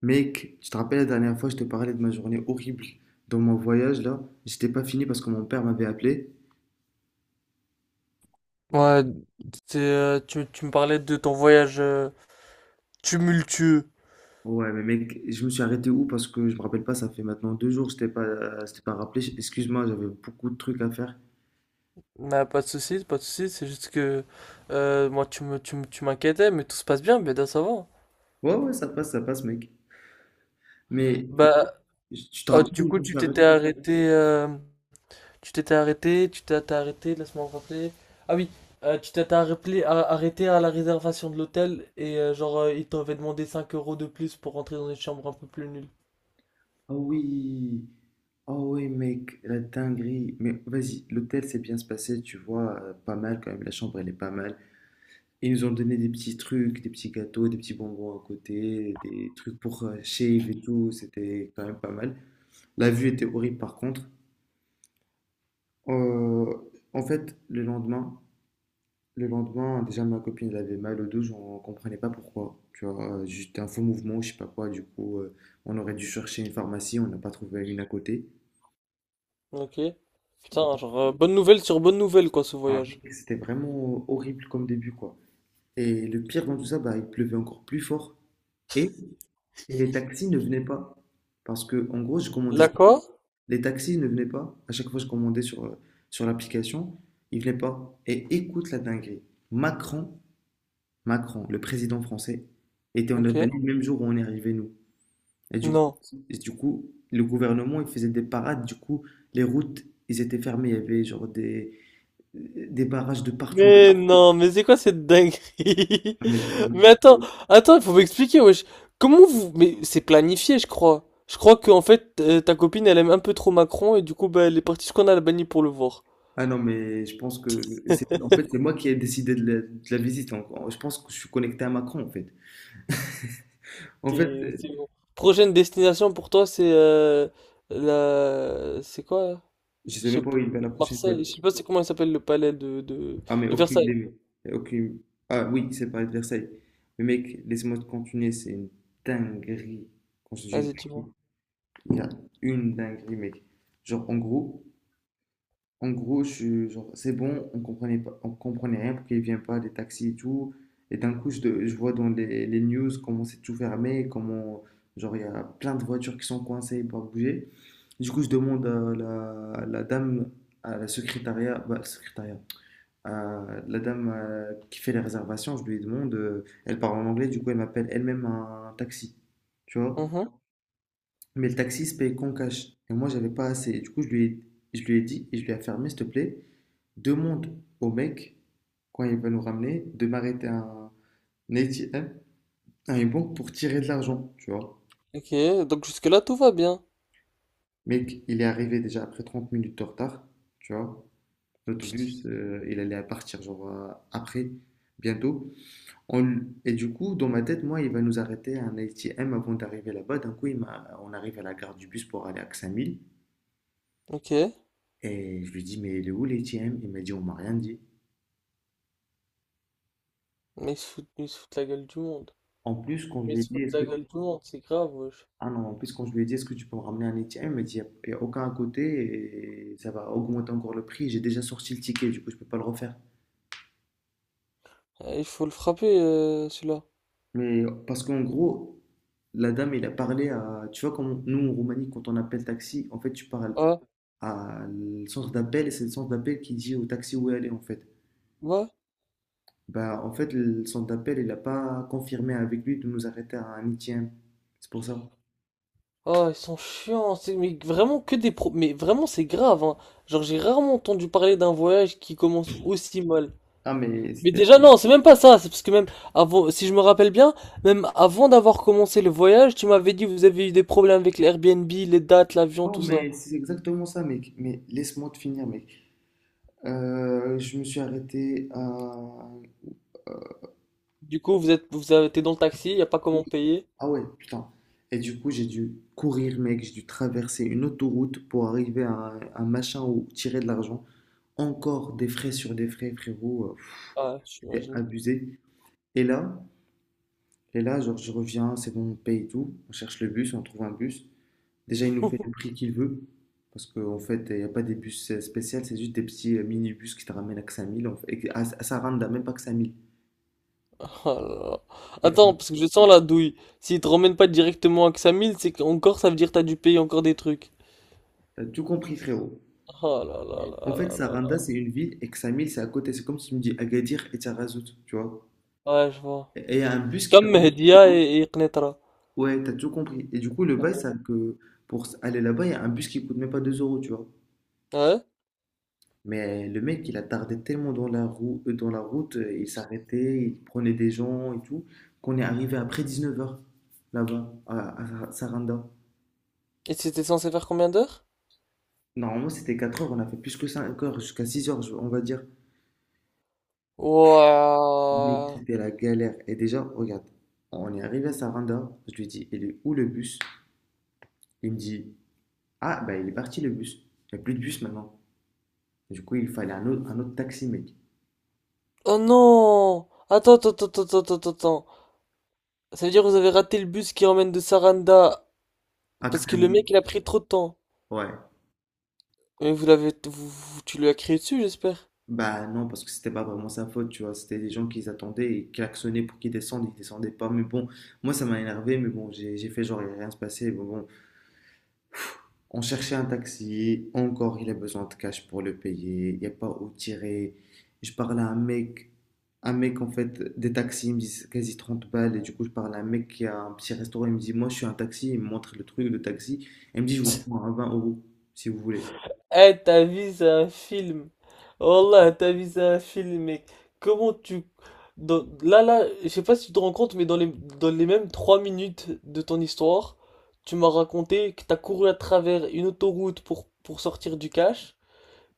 Mec, tu te rappelles la dernière fois, je te parlais de ma journée horrible dans mon voyage là. J'étais pas fini parce que mon père m'avait appelé. Ouais, tu me parlais de ton voyage tumultueux. Ouais, mais mec, je me suis arrêté où parce que je me rappelle pas, ça fait maintenant deux jours que je t'ai pas rappelé. Excuse-moi, j'avais beaucoup de trucs à faire. Bah, pas de soucis, pas de soucis, c'est juste que moi tu m'inquiétais, mais tout se passe bien, bien ça va. Ouais, ouais, ça passe, mec. Mais Bah, tu te oh, rappelles du où je coup me tu suis t'étais arrêté? arrêté, tu t'es arrêté, laisse-moi me rappeler. Ah oui, arrêté à la réservation de l'hôtel et genre ils t'avaient demandé 5 € de plus pour rentrer dans une chambre un peu plus nulle. Ah oui, ah oui, mec, la dinguerie. Mais vas-y, l'hôtel s'est bien se passé, tu vois, pas mal quand même. La chambre, elle est pas mal. Ils nous ont donné des petits trucs, des petits gâteaux, des petits bonbons à côté, des trucs pour shave et tout. C'était quand même pas mal. La vue était horrible par contre. Euh, en fait, le lendemain, déjà ma copine elle avait mal au dos, j'en comprenais pas pourquoi. Tu vois, juste un faux mouvement, je sais pas quoi. Du coup, on aurait dû chercher une pharmacie, on n'a pas trouvé une à côté. Ok. Putain, genre bonne nouvelle sur bonne nouvelle quoi ce Ah, mec, voyage. c'était vraiment horrible comme début, quoi. Et le pire dans tout ça, bah, il pleuvait encore plus fort. Et Et les taxis ne venaient pas. Parce que, en gros, je commandais sur... D'accord. Les taxis ne venaient pas. À chaque fois, je commandais sur, sur l'application. Ils venaient pas. Et écoute la dinguerie. Macron, Macron, le président français, était en Ok. Albanie le même jour où on est arrivé, nous. Et du coup, Non. et du coup, le gouvernement, il faisait des parades. Du coup, les routes, ils étaient fermés. Il y avait genre des barrages de partout. Mais non, mais c'est quoi cette dinguerie? Ah, Mais Mais je- attends, attends, il faut m'expliquer, wesh. Comment vous... Mais c'est planifié, je crois. Je crois que en fait, ta copine, elle aime un peu trop Macron et du coup, bah, elle est partie jusqu'en Albanie pour le voir. Ah non, mais je pense que... En fait, c'est moi qui ai décidé de la visite. Je pense que je suis connecté à Macron, en fait. En fait, C'est bon. Prochaine destination pour toi, C'est quoi, là? je Je sais même sais pas où pas. il va la prochaine fois. Marseille. Je sais pas c'est comment il s'appelle le palais de, Ah, mais de aucune Versailles. idée, mais aucune... Ah oui, c'est Paris de Versailles. Mais mec, laisse-moi te continuer, c'est une dinguerie. Quand je dis une Vas-y, dis-moi. dinguerie, il y a une dinguerie, mec. Genre, en gros, je suis genre, c'est bon, on comprenait pas, on comprenait rien, pourquoi il vient pas, des taxis et tout. Et d'un coup, je vois dans les news comment c'est tout fermé, comment, genre, il y a plein de voitures qui sont coincées, pas bouger. Du coup, je demande à la, la dame, à la secrétariat, bah, secrétariat, à la dame qui fait les réservations, je lui demande, elle parle en anglais, du coup, elle m'appelle elle-même un taxi, tu vois. Mhm. Mais le taxi se paye qu'en cash. Et moi, j'avais pas assez. Du coup, je lui ai dit, et je lui ai affirmé, s'il te plaît demande au mec, quand il va nous ramener, de m'arrêter à un ATM, à une banque pour tirer de l'argent, tu vois. Ok, donc jusque-là, tout va bien. Mec, il est arrivé déjà après 30 minutes de retard, tu vois. Notre Putain, bus, il allait partir genre après, bientôt. Et du coup, dans ma tête, moi, il va nous arrêter à un ATM avant d'arriver là-bas. D'un coup, on arrive à la gare du bus pour aller à Xamil. ok. Et je lui dis, mais il est où l'ATM? Il m'a dit, on m'a rien dit. Mais ils se foutent la gueule du monde. En plus, quand je Mais lui il ai se dit, fout est-ce de la que gueule tout le monde, c'est grave, wesh. Ah non, En plus, quand je lui ai dit, est-ce que tu peux me ramener un étier? Il m'a dit, il n'y a, y a aucun à côté et ça va augmenter encore le prix. J'ai déjà sorti le ticket, du coup, je peux pas le refaire. Ah, il faut le frapper, celui-là. Mais parce qu'en gros, la dame, il a parlé à. Tu vois, comme nous, en Roumanie, quand on appelle taxi, en fait, tu parles Ah, à le centre d'appel et c'est le centre d'appel qui dit au taxi où aller, en fait. ouais. Bah, en fait, le centre d'appel, il n'a pas confirmé avec lui de nous arrêter à un étier. C'est pour ça. Ah, ils sont chiants, c'est mais vraiment que des Mais vraiment, c'est grave, hein. Genre, j'ai rarement entendu parler d'un voyage qui commence aussi mal. Ah, mais Mais c'était. déjà, non, c'est même pas ça, c'est parce que même avant, si je me rappelle bien, même avant d'avoir commencé le voyage, tu m'avais dit que vous avez eu des problèmes avec les Airbnb, les dates, l'avion, Oh, tout ça. mais c'est exactement ça, mec. Mais laisse-moi te finir, mec. Je me suis arrêté à... Du coup, vous avez été dans le taxi, y a pas Oui. comment payer. Ah ouais, putain. Et du coup, j'ai dû courir, mec. J'ai dû traverser une autoroute pour arriver à un machin où tirer de l'argent. Encore des frais sur des frais, frérot. Ah, C'est j'imagine. abusé. Et là, et là, genre, je reviens, c'est bon, on paye tout. On cherche le bus, on trouve un bus. Déjà, il nous fait le prix qu'il veut. Parce qu'en fait, il n'y a pas des bus spéciaux, c'est juste des petits minibus qui te ramènent à 5000. En fait, à Saranda, même pas que 5000. Oh là là. Et, euh, Attends, parce que je sens la douille. S'il te ramène pas directement à Xamil, c'est qu'encore ça veut dire que t'as dû payer encore des trucs. T'as tout compris, frérot. Oh là là En fait, là là Saranda, là c'est une ville et Ksamil, c'est à côté. C'est comme si tu me dis Agadir et Tarazout, tu vois. là. Ouais, je vois. Et il y a un bus C'est qui te comme ramène- Mehdia et, Qnetra. Ouais, t'as tout compris. Et du coup, le bail, c'est que pour aller là-bas, il y a un bus qui coûte même pas 2 euros, tu vois. Ouais? Mais le mec, il a tardé tellement dans la roue, dans la route, il s'arrêtait, il prenait des gens et tout, qu'on est arrivé après 19h là-bas, à Saranda. Et c'était censé faire combien d'heures? Normalement, c'était 4 heures, on a fait plus que 5 heures, jusqu'à 6 heures, on va dire. Mec, Ouah. c'était la galère. Et déjà, regarde, on est arrivé à Saranda. Je lui dis, il est où le bus? Il me dit, ah, bah, il est parti le bus. Il n'y a plus de bus maintenant. Du coup, il fallait un autre taxi, mec. Oh non! Attends, attends, attends, attends, attends, attends. Ça veut dire que vous avez raté le bus qui emmène de Saranda parce que le Axamil. mec il a pris trop de temps. Ouais. Mais vous l'avez, vous, vous- tu lui as crié dessus, j'espère. Bah, non, parce que c'était pas vraiment sa faute, tu vois. C'était des gens qui attendaient et klaxonnaient pour qu'ils descendent. Ils descendaient pas. Mais bon, moi, ça m'a énervé. Mais bon, j'ai fait genre, il n'y a rien se passé. Bon, bon, on cherchait un taxi, encore il a besoin de cash pour le payer, il n'y a pas où tirer. Je parle à un mec en fait, des taxis, il me dit quasi 30 balles, et du coup je parle à un mec qui a un petit restaurant, il me dit moi je suis un taxi, il me montre le truc, le taxi, et il me dit je vous prends à 20 euros si vous voulez. Eh, ta vie, c'est un film. Oh là, ta vie, c'est un film, mec. Comment tu... Là, là, je sais pas si tu te rends compte, mais dans les mêmes 3 minutes de ton histoire, tu m'as raconté que t'as couru à travers une autoroute pour sortir du cash,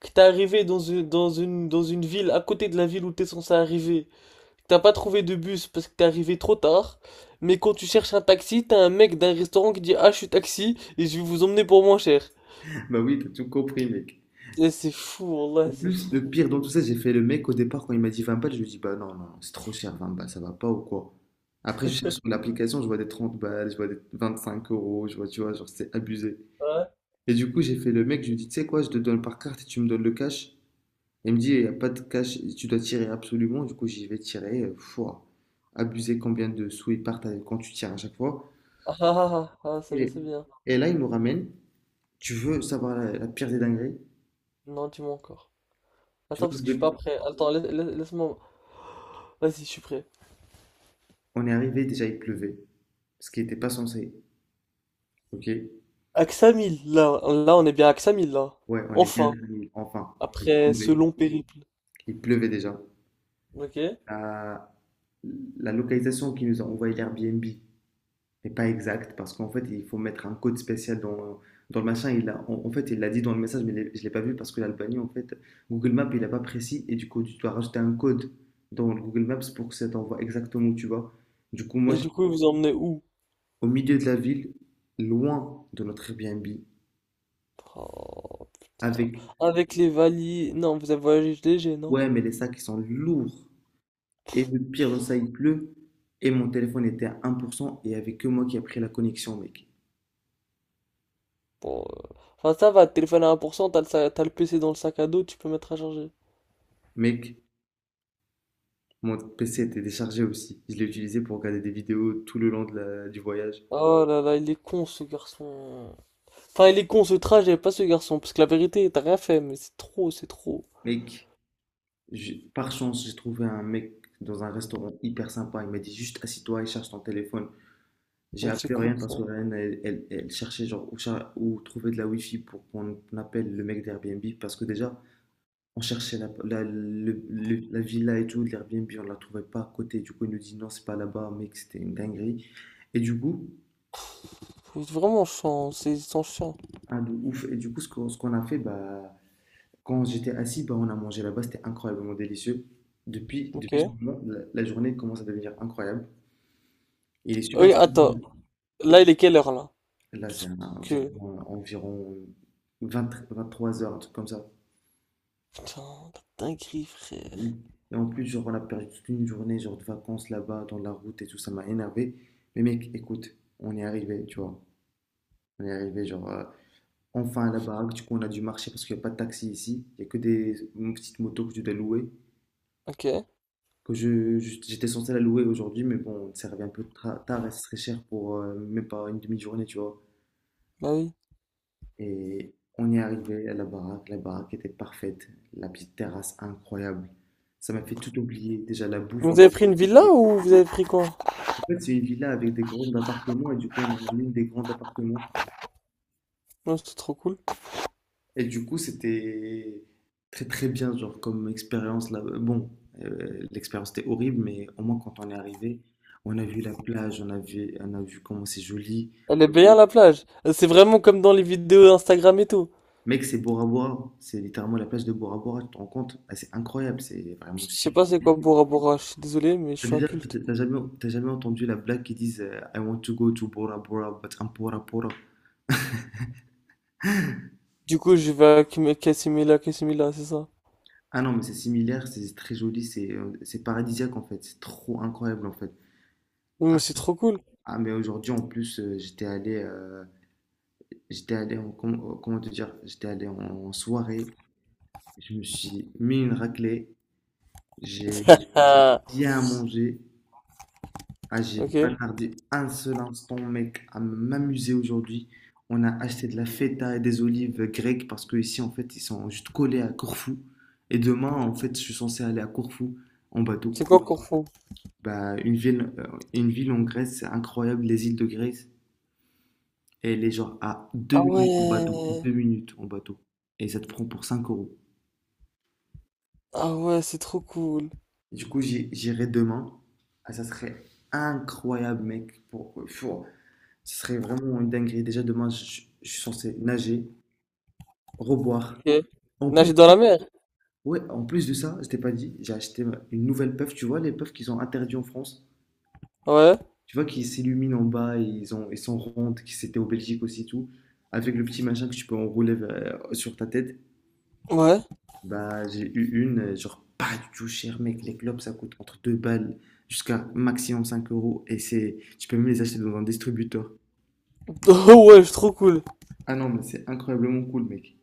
que t'es arrivé dans une ville à côté de la ville où t'es censé arriver, que t'as pas trouvé de bus parce que t'es arrivé trop tard, mais quand tu cherches un taxi, t'as un mec d'un restaurant qui dit « Ah, je suis taxi et je vais vous emmener pour moins cher ». Bah oui, t'as tout compris mec. Eh, c'est fou, En là, c'est plus, fou. le pire dans tout ça, j'ai fait le mec au départ quand il m'a dit 20 balles, je lui ai dit bah non, non, non, c'est trop cher 20 balles, ça va pas ou quoi? Après je cherche sur l'application, je vois des 30 balles, je vois des 25 euros, je vois, tu vois, genre c'est abusé. Ouais. Et du coup, j'ai fait le mec, je lui ai dit, tu sais quoi, je te donne par carte et tu me donnes le cash. Il me dit, il n'y a pas de cash, tu dois tirer absolument. Du coup, j'y vais tirer. Fouah, abuser combien de sous ils partent avec- quand tu tires à chaque fois. Ah ah ah, ah, ah, ça je Et, sais bien. et là, il nous ramène. Tu veux savoir la, la pire des dingueries? Non, dis-moi encore. Tu Attends, vois, parce que je suis pas prêt. Attends, laisse-moi. Vas-y, je suis prêt. on est arrivé, déjà, il pleuvait. Ce qui n'était pas censé. Ok? Axamil, là, là, on est bien à Axamil, là. Ouais, on est bien Enfin, arrivé. Enfin, il après ce pleuvait. long périple. Il pleuvait déjà. Ok. La, la localisation qui nous a envoyé l'Airbnb, mais pas exact, parce qu'en fait, il faut mettre un code spécial dans, dans le machin. Il a, en fait, il l'a dit dans le message, mais je ne l'ai pas vu parce que l'Albanie, en fait, Google Maps, il n'a pas précis, et du coup, tu dois rajouter un code dans le Google Maps pour que ça t'envoie exactement où tu vas. Du coup, moi, Et j'étais du coup, vous vous emmenez où? au milieu de la ville, loin de notre Airbnb, Oh, putain. avec, Avec les valises. Non, vous avez voyagé léger, non? ouais, mais les sacs, ils sont lourds. Et le pire dans ça, il pleut, et mon téléphone était à 1%, et il n'y avait que moi qui a pris la connexion, mec. Bon, enfin, ça va, téléphone à 1%, t'as le PC dans le sac à dos, tu peux mettre à charger. Mec, mon PC était déchargé aussi. Je l'ai utilisé pour regarder des vidéos tout le long de du voyage. Oh là là, il est con ce garçon. Enfin, il est con ce trajet, pas ce garçon, parce que la vérité, t'as rien fait, mais c'est trop, c'est trop. Mec, par chance, j'ai trouvé un mec dans un restaurant hyper sympa. Il m'a dit juste assis-toi et cherche ton téléphone. J'ai Donc, c'est appelé rien cool ça. parce que Ryan, elle cherchait genre où, cher où trouver de la wifi pour qu'on appelle le mec d'Airbnb parce que déjà, on cherchait la, la villa et tout, de l'Airbnb, on la trouvait pas à côté. Du coup, il nous dit non, c'est pas là-bas, mec, c'était une dinguerie. Et du coup, Faut vraiment chiant, c'est sans chiant. un de ouf. Et du coup, ce qu'on a fait, bah, quand j'étais assis, bah, on a mangé là-bas, c'était incroyablement délicieux. Depuis ce Ok. moment, la journée commence à devenir incroyable. Il est super Oui, sympa. attends, là il est quelle heure là? Là, c'est Parce que. environ, environ 20 23 heures, un truc comme ça. Putain, la dinguerie frère. Oui. Et en plus, genre, on a perdu toute une journée, genre, de vacances là-bas, dans la route et tout, ça m'a énervé. Mais mec, écoute, on est arrivé, tu vois. On est arrivé, genre, enfin à la baraque. Du coup, on a dû marcher parce qu'il n'y a pas de taxi ici. Il n'y a que des petites motos que tu dois louer. Ok, J'étais censé la louer aujourd'hui, mais bon, ça revient un peu tard et ce serait cher pour même pas une demi-journée, tu vois. bah oui. Et on est arrivé à la baraque était parfaite, la petite terrasse incroyable. Ça m'a fait tout oublier, déjà la bouffe m'a Vous avez pris une fait tout villa oublier. ou vous avez pris quoi? En fait, c'est une villa avec des grands appartements et du coup, on a ramené des grands appartements. Non, c'est trop cool. Et du coup, c'était très très bien, genre comme expérience là. Bon, l'expérience était horrible, mais au moins quand on est arrivé, on a vu la plage, on a vu comment c'est joli. Elle est bien la plage. C'est vraiment comme dans les vidéos Instagram et tout. Mec, c'est Bora Bora. C'est littéralement la plage de Bora Bora, tu te rends compte? Ah, c'est incroyable, c'est vraiment Je sais stupide. pas c'est quoi Bora Bora, je suis désolé, mais je T'as suis déjà, inculte. t'as jamais entendu la blague qui disent I want to go to Bora Bora, but I'm Bora Bora. Du coup, je vais à Casimila, Casimila, c'est ça. Ah non, mais c'est similaire, c'est très joli, c'est paradisiaque en fait, c'est trop incroyable en fait. Non, Ah, mais c'est trop cool. ah, mais aujourd'hui en plus, j'étais allé en, comment te dire, j'étais allé en soirée, je me suis mis une raclée, j'ai j'ai bien mangé. Ah, j'ai Ok. pas tardé un seul instant, mec, à m'amuser aujourd'hui. On a acheté de la feta et des olives grecques parce que ici, en fait, ils sont juste collés à Corfou. Et demain, en fait, je suis censé aller à Corfou en bateau. C'est quoi, cool, qu'on fond? Bah, une ville en Grèce, c'est incroyable, les îles de Grèce. Et elle est genre à deux Ah minutes en bateau, ouais. 2 minutes en bateau. Et ça te prend pour 5 euros. Ah ouais, c'est trop cool. Du coup, j'irai demain. Ah, ça serait incroyable, mec. Pour- Ce serait vraiment une dinguerie. Déjà, demain, je suis censé nager, reboire. Ok. En plus Nager de dans ça, la mer? ouais, en plus de ça, je t'ai pas dit, j'ai acheté une nouvelle puff. Tu vois, les puffs qu'ils ont interdits en France. Ouais. Tu vois, qui s'illuminent en bas et ils sont rondes, qui c'était au Belgique aussi, tout. Avec le petit machin que tu peux enrouler sur ta tête. Ouais. Bah, j'ai eu une, genre pas du tout cher, mec. Les globes, ça coûte entre 2 balles jusqu'à maximum 5 euros. Tu peux même les acheter dans un distributeur. Oh ouais, c'est trop cool. Ah non, mais c'est incroyablement cool, mec.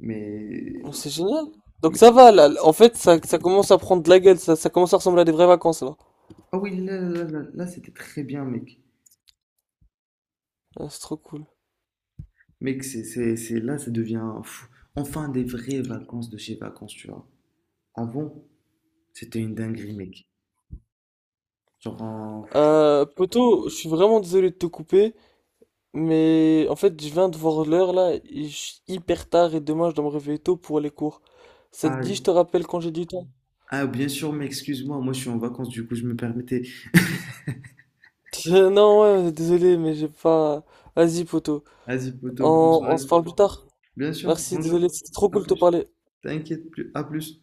Mais Oh, c'est génial. Donc ça va là. En fait, ça commence à prendre de la gueule. Ça commence à ressembler à des vraies vacances là. Ah oui, là, là, là, là, c'était très bien, mec. Ah, c'est trop cool. Mec, là, ça devient enfin des vraies vacances de chez vacances, tu vois. Avant, c'était une dinguerie, mec. Genre, Poto, je suis vraiment désolé de te couper, mais en fait, je viens de voir l'heure là. Il est hyper tard et demain, je dois me réveiller tôt pour les cours. Ça te ah, dit, je te rappelle quand j'ai du temps? ah, bien sûr, mec, excuse-moi, moi je suis en vacances, du coup, je me permettais. Non, ouais, désolé, mais j'ai pas. Vas-y, poto. Vas-y, poto, bonne On soirée. se parle plus tard. Bien sûr, Merci, bonjour, désolé, c'était trop à cool de te plus. parler. T'inquiète plus, à plus.